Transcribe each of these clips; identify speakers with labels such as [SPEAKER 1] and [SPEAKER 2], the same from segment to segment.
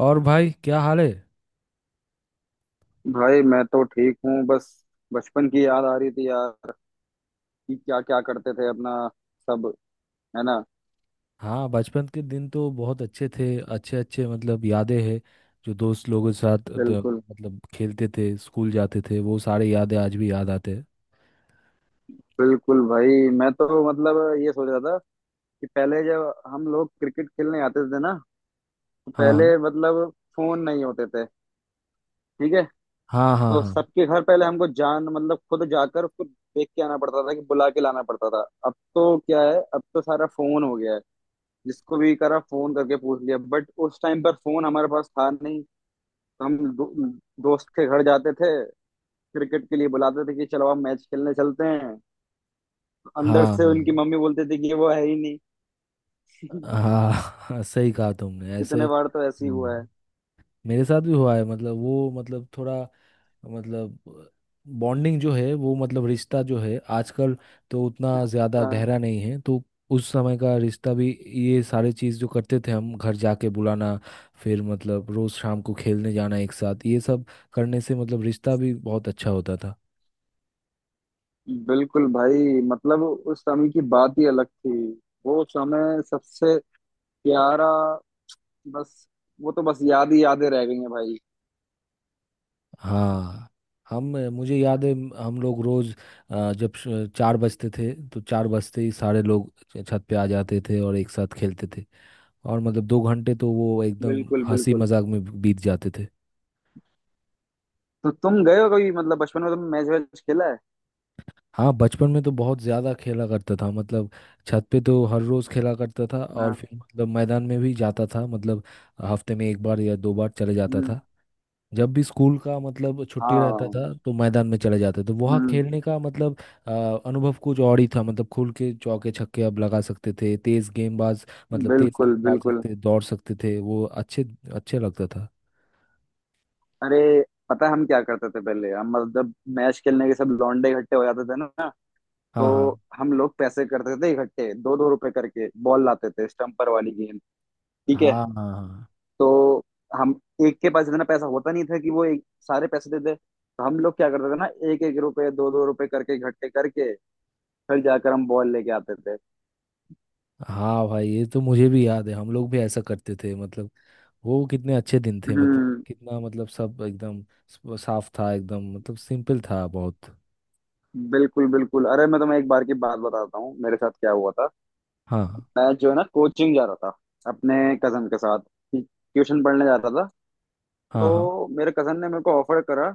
[SPEAKER 1] और भाई क्या हाल है?
[SPEAKER 2] भाई मैं तो ठीक हूँ बस। बचपन की याद आ रही थी यार कि क्या क्या करते थे अपना सब। है ना।
[SPEAKER 1] हाँ, बचपन के दिन तो बहुत अच्छे थे। अच्छे अच्छे मतलब यादें हैं। जो दोस्त लोगों के साथ
[SPEAKER 2] बिल्कुल
[SPEAKER 1] मतलब खेलते थे, स्कूल जाते थे, वो सारे यादें आज भी याद आते हैं।
[SPEAKER 2] बिल्कुल भाई, मैं तो मतलब ये सोच रहा था कि पहले जब हम लोग क्रिकेट खेलने आते थे ना, तो
[SPEAKER 1] हाँ,
[SPEAKER 2] पहले मतलब फोन नहीं होते थे। ठीक है।
[SPEAKER 1] हाँ, हाँ,
[SPEAKER 2] तो
[SPEAKER 1] हाँ,
[SPEAKER 2] सबके घर पहले हमको जान मतलब खुद जाकर खुद देख के आना पड़ता था कि बुला के लाना पड़ता था। अब तो क्या है, अब तो सारा फोन हो गया है। जिसको भी करा फोन करके पूछ लिया, बट उस टाइम पर फोन हमारे पास था नहीं। तो हम दोस्त के घर जाते थे, क्रिकेट के लिए बुलाते थे कि चलो आप मैच खेलने चलते हैं। अंदर से उनकी
[SPEAKER 1] हाँ,
[SPEAKER 2] मम्मी बोलती थी कि वो है ही नहीं।
[SPEAKER 1] हाँ, हाँ, हाँ, सही कहा तुमने ऐसे।
[SPEAKER 2] कितने बार तो ऐसे ही हुआ है।
[SPEAKER 1] मेरे साथ भी हुआ है मतलब वो मतलब थोड़ा मतलब बॉन्डिंग जो है वो मतलब रिश्ता जो है आजकल तो उतना ज़्यादा
[SPEAKER 2] हाँ।
[SPEAKER 1] गहरा नहीं है तो उस समय का रिश्ता भी, ये सारी चीज़ जो करते थे हम, घर जाके बुलाना, फिर मतलब रोज़ शाम को खेलने जाना एक साथ, ये सब करने से मतलब रिश्ता भी बहुत अच्छा होता था।
[SPEAKER 2] बिल्कुल भाई मतलब उस समय की बात ही अलग थी। वो समय सबसे प्यारा। बस वो तो बस याद ही यादें रह गई हैं भाई।
[SPEAKER 1] हाँ। हम, मुझे याद है हम लोग रोज़ जब चार बजते थे तो चार बजते ही सारे लोग छत पे आ जाते थे और एक साथ खेलते थे। और मतलब दो घंटे तो वो एकदम
[SPEAKER 2] बिल्कुल
[SPEAKER 1] हंसी
[SPEAKER 2] बिल्कुल।
[SPEAKER 1] मजाक में बीत जाते थे।
[SPEAKER 2] तो तुम गए हो कभी मतलब बचपन में तुम मैच वैच खेला है?
[SPEAKER 1] हाँ, बचपन में तो बहुत ज़्यादा खेला करता था मतलब। छत पे तो हर रोज़ खेला करता था और
[SPEAKER 2] हाँ।
[SPEAKER 1] फिर मतलब मैदान में भी जाता था मतलब हफ्ते में एक बार या दो बार चले जाता
[SPEAKER 2] हम्म।
[SPEAKER 1] था। जब भी स्कूल का मतलब छुट्टी रहता
[SPEAKER 2] हाँ।
[SPEAKER 1] था तो मैदान में चले जाते, तो वहाँ
[SPEAKER 2] हम्म।
[SPEAKER 1] खेलने का मतलब अ, अनुभव कुछ और ही था। मतलब खुल के चौके छक्के अब लगा सकते थे, तेज़ गेंदबाज मतलब तेज़
[SPEAKER 2] बिल्कुल
[SPEAKER 1] गेंद डाल
[SPEAKER 2] बिल्कुल।
[SPEAKER 1] सकते, दौड़ सकते थे, वो अच्छे अच्छे लगता था।
[SPEAKER 2] अरे पता है हम क्या करते थे पहले? हम मतलब मैच खेलने के सब लौंडे इकट्ठे हो जाते थे ना। तो
[SPEAKER 1] हाँ, हाँ,
[SPEAKER 2] हम लोग पैसे करते थे इकट्ठे, दो दो रुपए करके बॉल लाते थे, स्टम्पर वाली गेंद। ठीक है।
[SPEAKER 1] हाँ, हाँ, हाँ,
[SPEAKER 2] तो हम एक के पास इतना पैसा होता नहीं था कि वो एक सारे पैसे दे दे, तो हम लोग क्या करते थे ना, एक एक रुपए दो दो रुपए करके इकट्ठे करके फिर जाकर हम बॉल लेके आते थे।
[SPEAKER 1] हाँ, भाई ये तो मुझे भी याद है, हम लोग भी ऐसा करते थे मतलब। वो कितने अच्छे दिन थे मतलब,
[SPEAKER 2] हम्म।
[SPEAKER 1] कितना मतलब सब एकदम साफ था, एकदम मतलब सिंपल था बहुत।
[SPEAKER 2] बिल्कुल बिल्कुल। अरे मैं तुम्हें एक बार की बात बताता हूँ मेरे साथ क्या हुआ था।
[SPEAKER 1] हाँ,
[SPEAKER 2] मैं जो है ना कोचिंग जा रहा था अपने कजन के साथ, ट्यूशन पढ़ने जाता था।
[SPEAKER 1] हाँ, हाँ,
[SPEAKER 2] तो मेरे कजन ने मेरे को ऑफर करा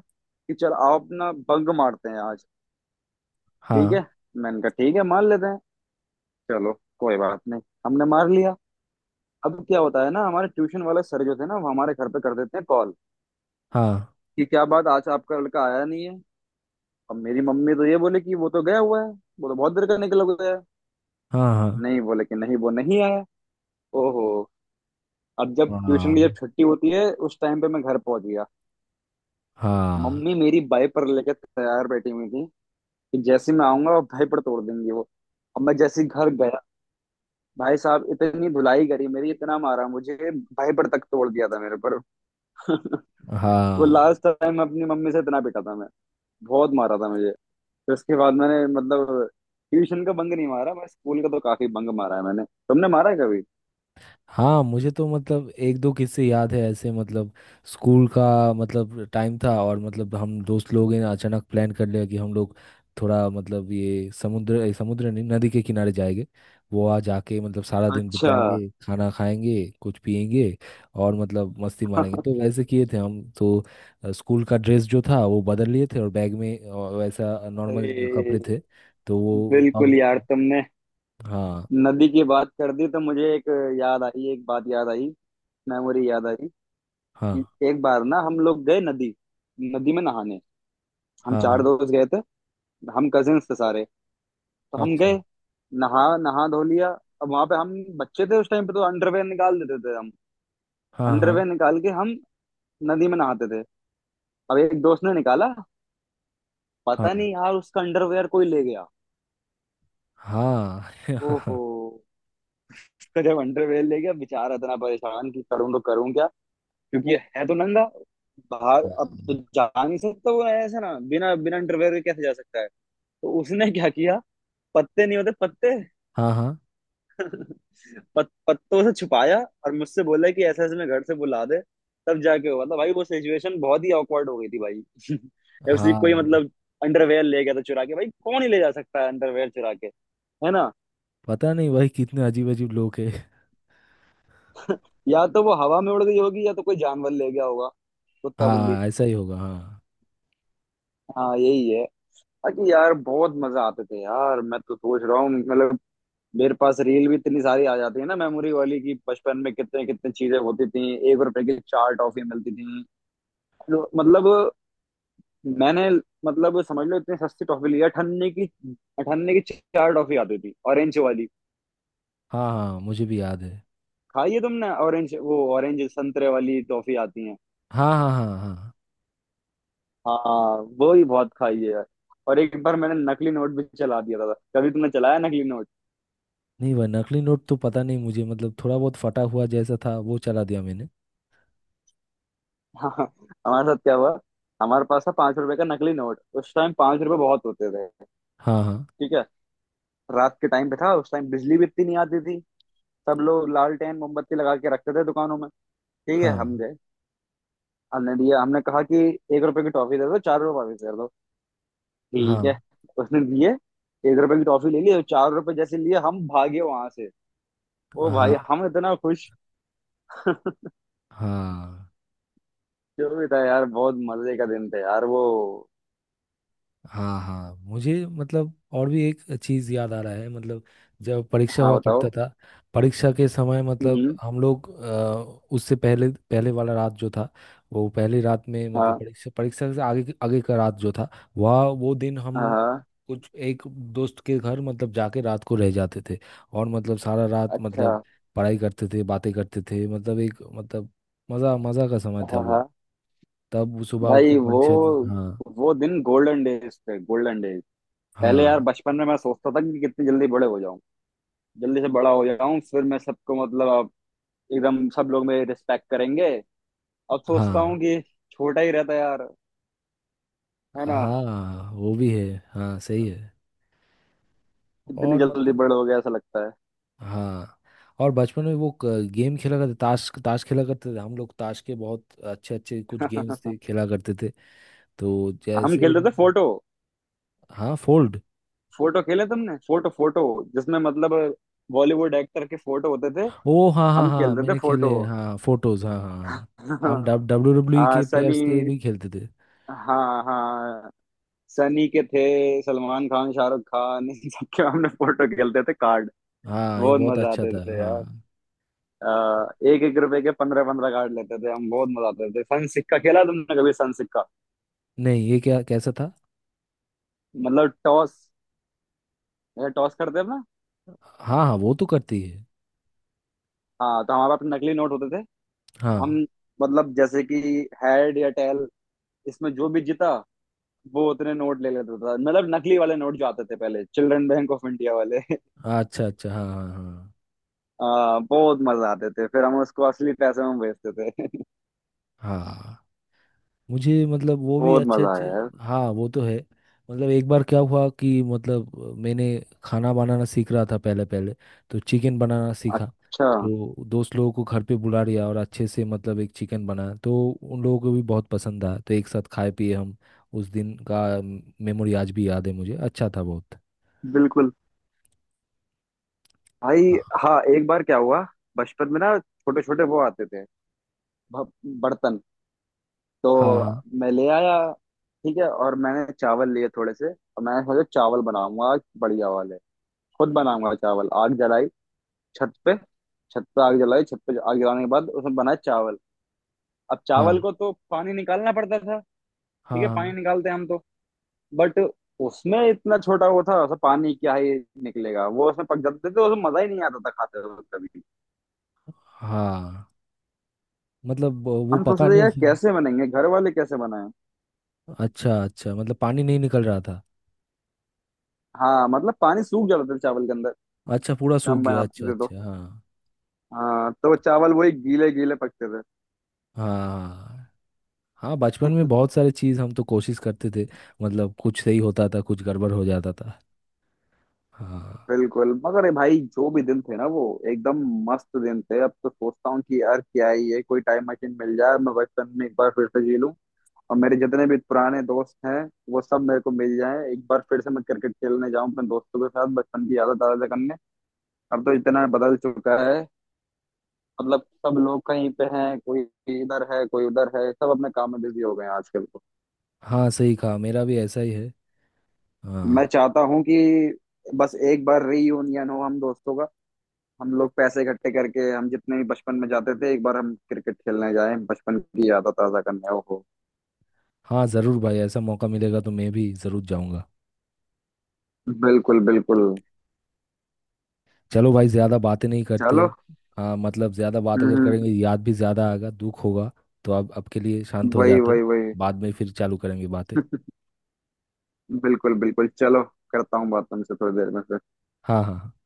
[SPEAKER 2] कि चल आओ अपना बंक मारते हैं आज। ठीक है। मैंने कहा ठीक है, मार लेते हैं। चलो, कोई बात नहीं। हमने मार लिया। अब क्या होता है ना, हमारे ट्यूशन वाले सर जो थे ना वो हमारे घर पे कर देते हैं कॉल
[SPEAKER 1] हाँ,
[SPEAKER 2] कि क्या बात आज आपका लड़का आया नहीं है। अब मेरी मम्मी तो ये बोले कि वो तो गया हुआ है, वो तो बहुत देर का निकला गया है।
[SPEAKER 1] हाँ, हाँ, हाँ,
[SPEAKER 2] नहीं बोले कि नहीं वो नहीं आया। ओहो। अब जब ट्यूशन की जब
[SPEAKER 1] हाँ,
[SPEAKER 2] छुट्टी होती है उस टाइम पे मैं घर पहुंच गया।
[SPEAKER 1] हाँ,
[SPEAKER 2] मम्मी मेरी बाइपर लेके तैयार बैठी हुई थी कि जैसे मैं आऊंगा वो भाई पर तोड़ देंगी वो। और मैं जैसे ही घर गया, भाई साहब इतनी धुलाई करी मेरी, इतना मारा मुझे, भाईपर तक तोड़ दिया था मेरे पर।
[SPEAKER 1] हाँ,
[SPEAKER 2] वो
[SPEAKER 1] हाँ,
[SPEAKER 2] लास्ट टाइम अपनी मम्मी से इतना पिटा था मैं। बहुत मारा था मुझे। फिर उसके बाद मैंने मतलब ट्यूशन का बंक नहीं मारा। मैं स्कूल का तो काफी बंक मारा है मैंने। तुमने मारा है कभी?
[SPEAKER 1] हाँ, मुझे तो मतलब एक दो किस्से याद है ऐसे मतलब स्कूल का मतलब टाइम था और मतलब हम दोस्त लोग हैं अचानक प्लान कर लिया कि हम लोग थोड़ा मतलब ये समुद्र समुद्र नहीं, नदी के किनारे जाएंगे। वहाँ जाके मतलब सारा दिन
[SPEAKER 2] अच्छा।
[SPEAKER 1] बिताएंगे, खाना खाएंगे, कुछ पिएंगे और मतलब मस्ती मारेंगे, तो वैसे किए थे हम तो। स्कूल का ड्रेस जो था वो बदल लिए थे और बैग में वैसा नॉर्मल कपड़े
[SPEAKER 2] अरे
[SPEAKER 1] थे, तो वो
[SPEAKER 2] बिल्कुल
[SPEAKER 1] अब।
[SPEAKER 2] यार, तुमने
[SPEAKER 1] हाँ,
[SPEAKER 2] नदी की बात कर दी तो मुझे एक याद आई, एक बात याद आई, मेमोरी याद आई
[SPEAKER 1] हाँ,
[SPEAKER 2] कि एक बार ना हम लोग गए नदी, नदी में नहाने। हम
[SPEAKER 1] हाँ,
[SPEAKER 2] चार
[SPEAKER 1] हाँ,
[SPEAKER 2] दोस्त गए थे। हम कजिन्स थे सारे। तो हम
[SPEAKER 1] अच्छा,
[SPEAKER 2] गए, नहा नहा धो लिया। अब वहां पे हम बच्चे थे उस टाइम पे तो अंडरवेयर निकाल देते थे हम।
[SPEAKER 1] हाँ, हाँ,
[SPEAKER 2] अंडरवेयर निकाल के हम नदी में नहाते थे। अब एक दोस्त ने निकाला,
[SPEAKER 1] हाँ,
[SPEAKER 2] पता नहीं यार उसका अंडरवेयर कोई ले गया।
[SPEAKER 1] हाँ,
[SPEAKER 2] ओहो। उसका जब अंडरवेयर ले गया, बेचारा इतना परेशान कि करूं तो करूं क्या। क्योंकि है तो नंगा, बाहर अब तो
[SPEAKER 1] हम्म,
[SPEAKER 2] जा नहीं सकता वो ऐसे ना, बिना बिना अंडरवेयर के कैसे जा सकता है। तो उसने क्या किया, पत्ते नहीं होते पत्ते,
[SPEAKER 1] हाँ, हाँ,
[SPEAKER 2] पत्तों से छुपाया। और मुझसे बोला कि ऐसे ऐसे मैं घर से बुला दे। तब जाके हुआ था भाई, वो सिचुएशन बहुत ही ऑकवर्ड हो गई थी भाई। उसी
[SPEAKER 1] हाँ,
[SPEAKER 2] कोई मतलब अंडरवेयर ले गया था चुरा के, भाई कौन ही ले जा सकता है अंडरवेयर चुरा के। है ना।
[SPEAKER 1] पता नहीं भाई कितने अजीब अजीब लोग हैं।
[SPEAKER 2] या तो वो हवा में उड़ गई होगी या तो कोई जानवर ले गया होगा, कुत्ता बिल्ली।
[SPEAKER 1] हाँ, ऐसा ही होगा, हाँ,
[SPEAKER 2] हाँ यही है। बाकी यार बहुत मजा आते थे यार। मैं तो सोच रहा हूँ मतलब मेरे पास रील भी इतनी सारी आ जाती है ना मेमोरी वाली कि बचपन में कितने कितने चीजें होती थी। 1 रुपए की 4 टॉफी मिलती थी। मतलब मैंने मतलब समझ लो इतने सस्ते टॉफी लिए अठन्ने की। अठन्ने की चार टॉफी आती थी ऑरेंज वाली।
[SPEAKER 1] हाँ, हाँ, मुझे भी याद है,
[SPEAKER 2] खाई है तुमने ऑरेंज? वो ऑरेंज संतरे वाली टॉफी आती है।
[SPEAKER 1] हाँ, हाँ, हाँ, हाँ,
[SPEAKER 2] हाँ। वो ही बहुत खाई है यार। और एक बार मैंने नकली नोट भी चला दिया था। कभी तुमने चलाया नकली नोट?
[SPEAKER 1] नहीं, वह नकली नोट तो पता नहीं, मुझे मतलब थोड़ा बहुत फटा हुआ जैसा था वो चला दिया मैंने।
[SPEAKER 2] हमारे साथ क्या हुआ, हमारे पास था 5 रुपए का नकली नोट। उस टाइम 5 रुपए बहुत होते थे।
[SPEAKER 1] हाँ, हाँ,
[SPEAKER 2] ठीक है। रात के टाइम पे था, उस टाइम बिजली भी इतनी नहीं आती थी। सब लोग लालटेन मोमबत्ती लगा के रखते थे दुकानों में। ठीक है। हम
[SPEAKER 1] हाँ,
[SPEAKER 2] हमने दिया, हमने कहा कि 1 रुपए की टॉफी दे दो, 4 रुपए वापस कर दो। ठीक है।
[SPEAKER 1] हाँ,
[SPEAKER 2] उसने दिए 1 रुपए की टॉफी ले ली और 4 रुपए जैसे लिए, हम भागे वहां से। ओ भाई
[SPEAKER 1] हाँ,
[SPEAKER 2] हम इतना खुश।
[SPEAKER 1] हाँ,
[SPEAKER 2] जो भी था यार, बहुत मजे का दिन था यार वो।
[SPEAKER 1] हाँ, हाँ, मुझे मतलब और भी एक चीज याद आ रहा है मतलब, जब परीक्षा
[SPEAKER 2] हाँ
[SPEAKER 1] हुआ करता
[SPEAKER 2] बताओ।
[SPEAKER 1] था। परीक्षा के समय मतलब
[SPEAKER 2] हम्म।
[SPEAKER 1] हम लोग उससे पहले पहले वाला रात जो था, वो पहली रात में मतलब
[SPEAKER 2] हाँ।
[SPEAKER 1] परीक्षा, परीक्षा से आगे आगे का रात जो था, वह वो दिन
[SPEAKER 2] हाँ।
[SPEAKER 1] हम
[SPEAKER 2] हाँ।
[SPEAKER 1] कुछ एक दोस्त के घर मतलब जाके रात को रह जाते थे। और मतलब सारा रात
[SPEAKER 2] अच्छा।
[SPEAKER 1] मतलब पढ़ाई करते थे, बातें करते थे, मतलब एक मतलब मजा मजा का समय था
[SPEAKER 2] हाँ।
[SPEAKER 1] वो।
[SPEAKER 2] हाँ।
[SPEAKER 1] तब सुबह उठ
[SPEAKER 2] भाई
[SPEAKER 1] के परीक्षा हाँ,
[SPEAKER 2] वो दिन गोल्डन डेज थे, गोल्डन डेज। पहले यार
[SPEAKER 1] हाँ,
[SPEAKER 2] बचपन में मैं सोचता था कि कितनी जल्दी बड़े हो जाऊं, जल्दी से बड़ा हो जाऊं, फिर मैं सबको मतलब अब एकदम सब लोग मेरी रिस्पेक्ट करेंगे। अब सोचता हूँ
[SPEAKER 1] हाँ,
[SPEAKER 2] कि छोटा ही रहता यार। है ना।
[SPEAKER 1] हाँ, वो भी है, हाँ सही है।
[SPEAKER 2] इतनी
[SPEAKER 1] और
[SPEAKER 2] जल्दी
[SPEAKER 1] मतलब
[SPEAKER 2] बड़े हो गया ऐसा लगता है।
[SPEAKER 1] हाँ, और बचपन में वो गेम खेला करते, ताश ताश खेला करते थे हम लोग, ताश के बहुत अच्छे अच्छे कुछ गेम्स थे खेला करते थे तो
[SPEAKER 2] हम
[SPEAKER 1] जैसे।
[SPEAKER 2] खेलते थे फोटो।
[SPEAKER 1] हाँ फोल्ड।
[SPEAKER 2] फोटो खेले तुमने? फोटो फोटो, जिसमें मतलब बॉलीवुड एक्टर के फोटो होते थे।
[SPEAKER 1] ओ हाँ, हाँ,
[SPEAKER 2] हम
[SPEAKER 1] हाँ,
[SPEAKER 2] खेलते थे
[SPEAKER 1] मैंने
[SPEAKER 2] फोटो।
[SPEAKER 1] खेले हाँ, फोटोज, हाँ, हाँ, हाँ, हम हाँ, डब्ल्यू डब्ल्यू
[SPEAKER 2] हाँ
[SPEAKER 1] के
[SPEAKER 2] सनी,
[SPEAKER 1] प्लेयर्स के भी खेलते थे।
[SPEAKER 2] हाँ हाँ, सनी के थे, सलमान खान शाहरुख खान इन सबके हमने फोटो खेलते थे कार्ड।
[SPEAKER 1] हाँ, ये
[SPEAKER 2] बहुत
[SPEAKER 1] बहुत और
[SPEAKER 2] मजा
[SPEAKER 1] अच्छा
[SPEAKER 2] आते
[SPEAKER 1] था,
[SPEAKER 2] थे यार।
[SPEAKER 1] हाँ।
[SPEAKER 2] आ, एक एक रुपए के 15 15 कार्ड लेते थे हम। बहुत मजा आते थे। सन सिक्का खेला तुमने कभी सन सिक्का?
[SPEAKER 1] नहीं, ये क्या कैसा था?
[SPEAKER 2] मतलब टॉस। अच्छा टॉस करते हैं ना।
[SPEAKER 1] हाँ, हाँ, वो तो करती है।
[SPEAKER 2] हाँ तो हमारे पास नकली नोट होते थे।
[SPEAKER 1] हाँ,
[SPEAKER 2] हम मतलब जैसे कि हेड या टेल, इसमें जो भी जीता वो उतने नोट ले लेता था। मतलब नकली वाले नोट जो आते थे पहले, चिल्ड्रन बैंक ऑफ इंडिया वाले।
[SPEAKER 1] हाँ, अच्छा अच्छा, हाँ, हाँ,
[SPEAKER 2] बहुत मजा आते थे। फिर हम उसको असली पैसे में बेचते थे।
[SPEAKER 1] हाँ, हाँ, मुझे मतलब वो भी
[SPEAKER 2] बहुत
[SPEAKER 1] अच्छे
[SPEAKER 2] मजा आया
[SPEAKER 1] अच्छे,
[SPEAKER 2] यार।
[SPEAKER 1] हाँ वो तो है। मतलब एक बार क्या हुआ कि मतलब मैंने खाना बनाना सीख रहा था पहले पहले, तो चिकन बनाना सीखा,
[SPEAKER 2] अच्छा।
[SPEAKER 1] तो दोस्त लोगों को घर पे बुला लिया और अच्छे से मतलब एक चिकन बनाया तो उन लोगों को भी बहुत पसंद आया, तो एक साथ खाए पिए हम। उस दिन का मेमोरी आज भी याद है मुझे, अच्छा था बहुत।
[SPEAKER 2] बिल्कुल भाई।
[SPEAKER 1] हाँ,
[SPEAKER 2] हाँ एक बार क्या हुआ, बचपन में ना छोटे छोटे वो आते थे, भ- बर्तन। तो
[SPEAKER 1] हाँ,
[SPEAKER 2] मैं ले आया। ठीक है। और मैंने चावल लिए थोड़े से और मैंने सोचा चावल बनाऊंगा आज बढ़िया वाले, खुद बनाऊंगा चावल। आग जलाई छत पे। छत पे आग जलाई, छत पे आग जलाने के बाद उसमें बनाए चावल। अब चावल
[SPEAKER 1] हाँ,
[SPEAKER 2] को तो पानी निकालना पड़ता था।
[SPEAKER 1] हाँ,
[SPEAKER 2] ठीक है, पानी
[SPEAKER 1] हाँ,
[SPEAKER 2] निकालते हम तो, बट उसमें इतना छोटा वो था, उसमें पानी क्या ही निकलेगा, वो उसमें पक जाते थे। तो उसमें मजा ही नहीं आता था खाते वक्त कभी।
[SPEAKER 1] हाँ, मतलब वो
[SPEAKER 2] हम
[SPEAKER 1] पका
[SPEAKER 2] सोचते थे
[SPEAKER 1] नहीं
[SPEAKER 2] यार
[SPEAKER 1] थी।
[SPEAKER 2] कैसे बनेंगे, घर वाले कैसे बनाए।
[SPEAKER 1] अच्छा अच्छा, मतलब पानी नहीं निकल रहा था?
[SPEAKER 2] हाँ मतलब पानी सूख जाता था चावल के अंदर।
[SPEAKER 1] अच्छा पूरा
[SPEAKER 2] जब
[SPEAKER 1] सूख
[SPEAKER 2] हम
[SPEAKER 1] गया, अच्छा
[SPEAKER 2] बनाते थे तो,
[SPEAKER 1] अच्छा, हाँ,
[SPEAKER 2] हाँ, तो चावल वही गीले गीले पकते थे।
[SPEAKER 1] हाँ, हाँ, बचपन में बहुत सारी चीज़ हम तो कोशिश करते थे मतलब, कुछ सही होता था कुछ गड़बड़ हो जाता था। हाँ,
[SPEAKER 2] बिल्कुल मगर ये भाई जो भी दिन थे ना वो एकदम मस्त दिन थे। अब तो सोचता हूँ कि यार क्या ही है, कोई टाइम मशीन मिल जाए मैं बचपन में एक बार फिर से जी लूँ। और मेरे जितने भी पुराने दोस्त हैं वो सब मेरे को मिल जाए एक बार फिर से, मैं क्रिकेट खेलने जाऊँ अपने दोस्तों के साथ बचपन की यादें ताज़ा करने। अब तो इतना बदल चुका है, मतलब सब लोग कहीं पे हैं, कोई इधर है कोई उधर है, सब अपने काम में बिजी हो गए हैं आजकल तो।
[SPEAKER 1] हाँ, सही कहा, मेरा भी ऐसा ही है।
[SPEAKER 2] मैं
[SPEAKER 1] हाँ,
[SPEAKER 2] चाहता हूँ कि बस एक बार रीयूनियन हो हम दोस्तों का, हम लोग पैसे इकट्ठे करके हम जितने भी बचपन में जाते थे एक बार हम क्रिकेट खेलने जाए बचपन की याद ताजा करने। ओहो।
[SPEAKER 1] हाँ, ज़रूर भाई, ऐसा मौका मिलेगा तो मैं भी ज़रूर जाऊँगा।
[SPEAKER 2] बिल्कुल बिल्कुल।
[SPEAKER 1] चलो भाई, ज़्यादा बातें नहीं करते।
[SPEAKER 2] चलो।
[SPEAKER 1] हाँ, मतलब ज़्यादा बात अगर
[SPEAKER 2] हम्म।
[SPEAKER 1] करेंगे याद भी ज़्यादा आएगा, दुख होगा। तो अब के लिए शांत हो
[SPEAKER 2] वही
[SPEAKER 1] जाते।
[SPEAKER 2] वही वही।
[SPEAKER 1] बाद में फिर चालू करेंगे बातें।
[SPEAKER 2] बिल्कुल बिल्कुल। चलो, करता हूँ बात तुमसे थोड़ी देर में फिर।
[SPEAKER 1] हाँ, हाँ, हाँ।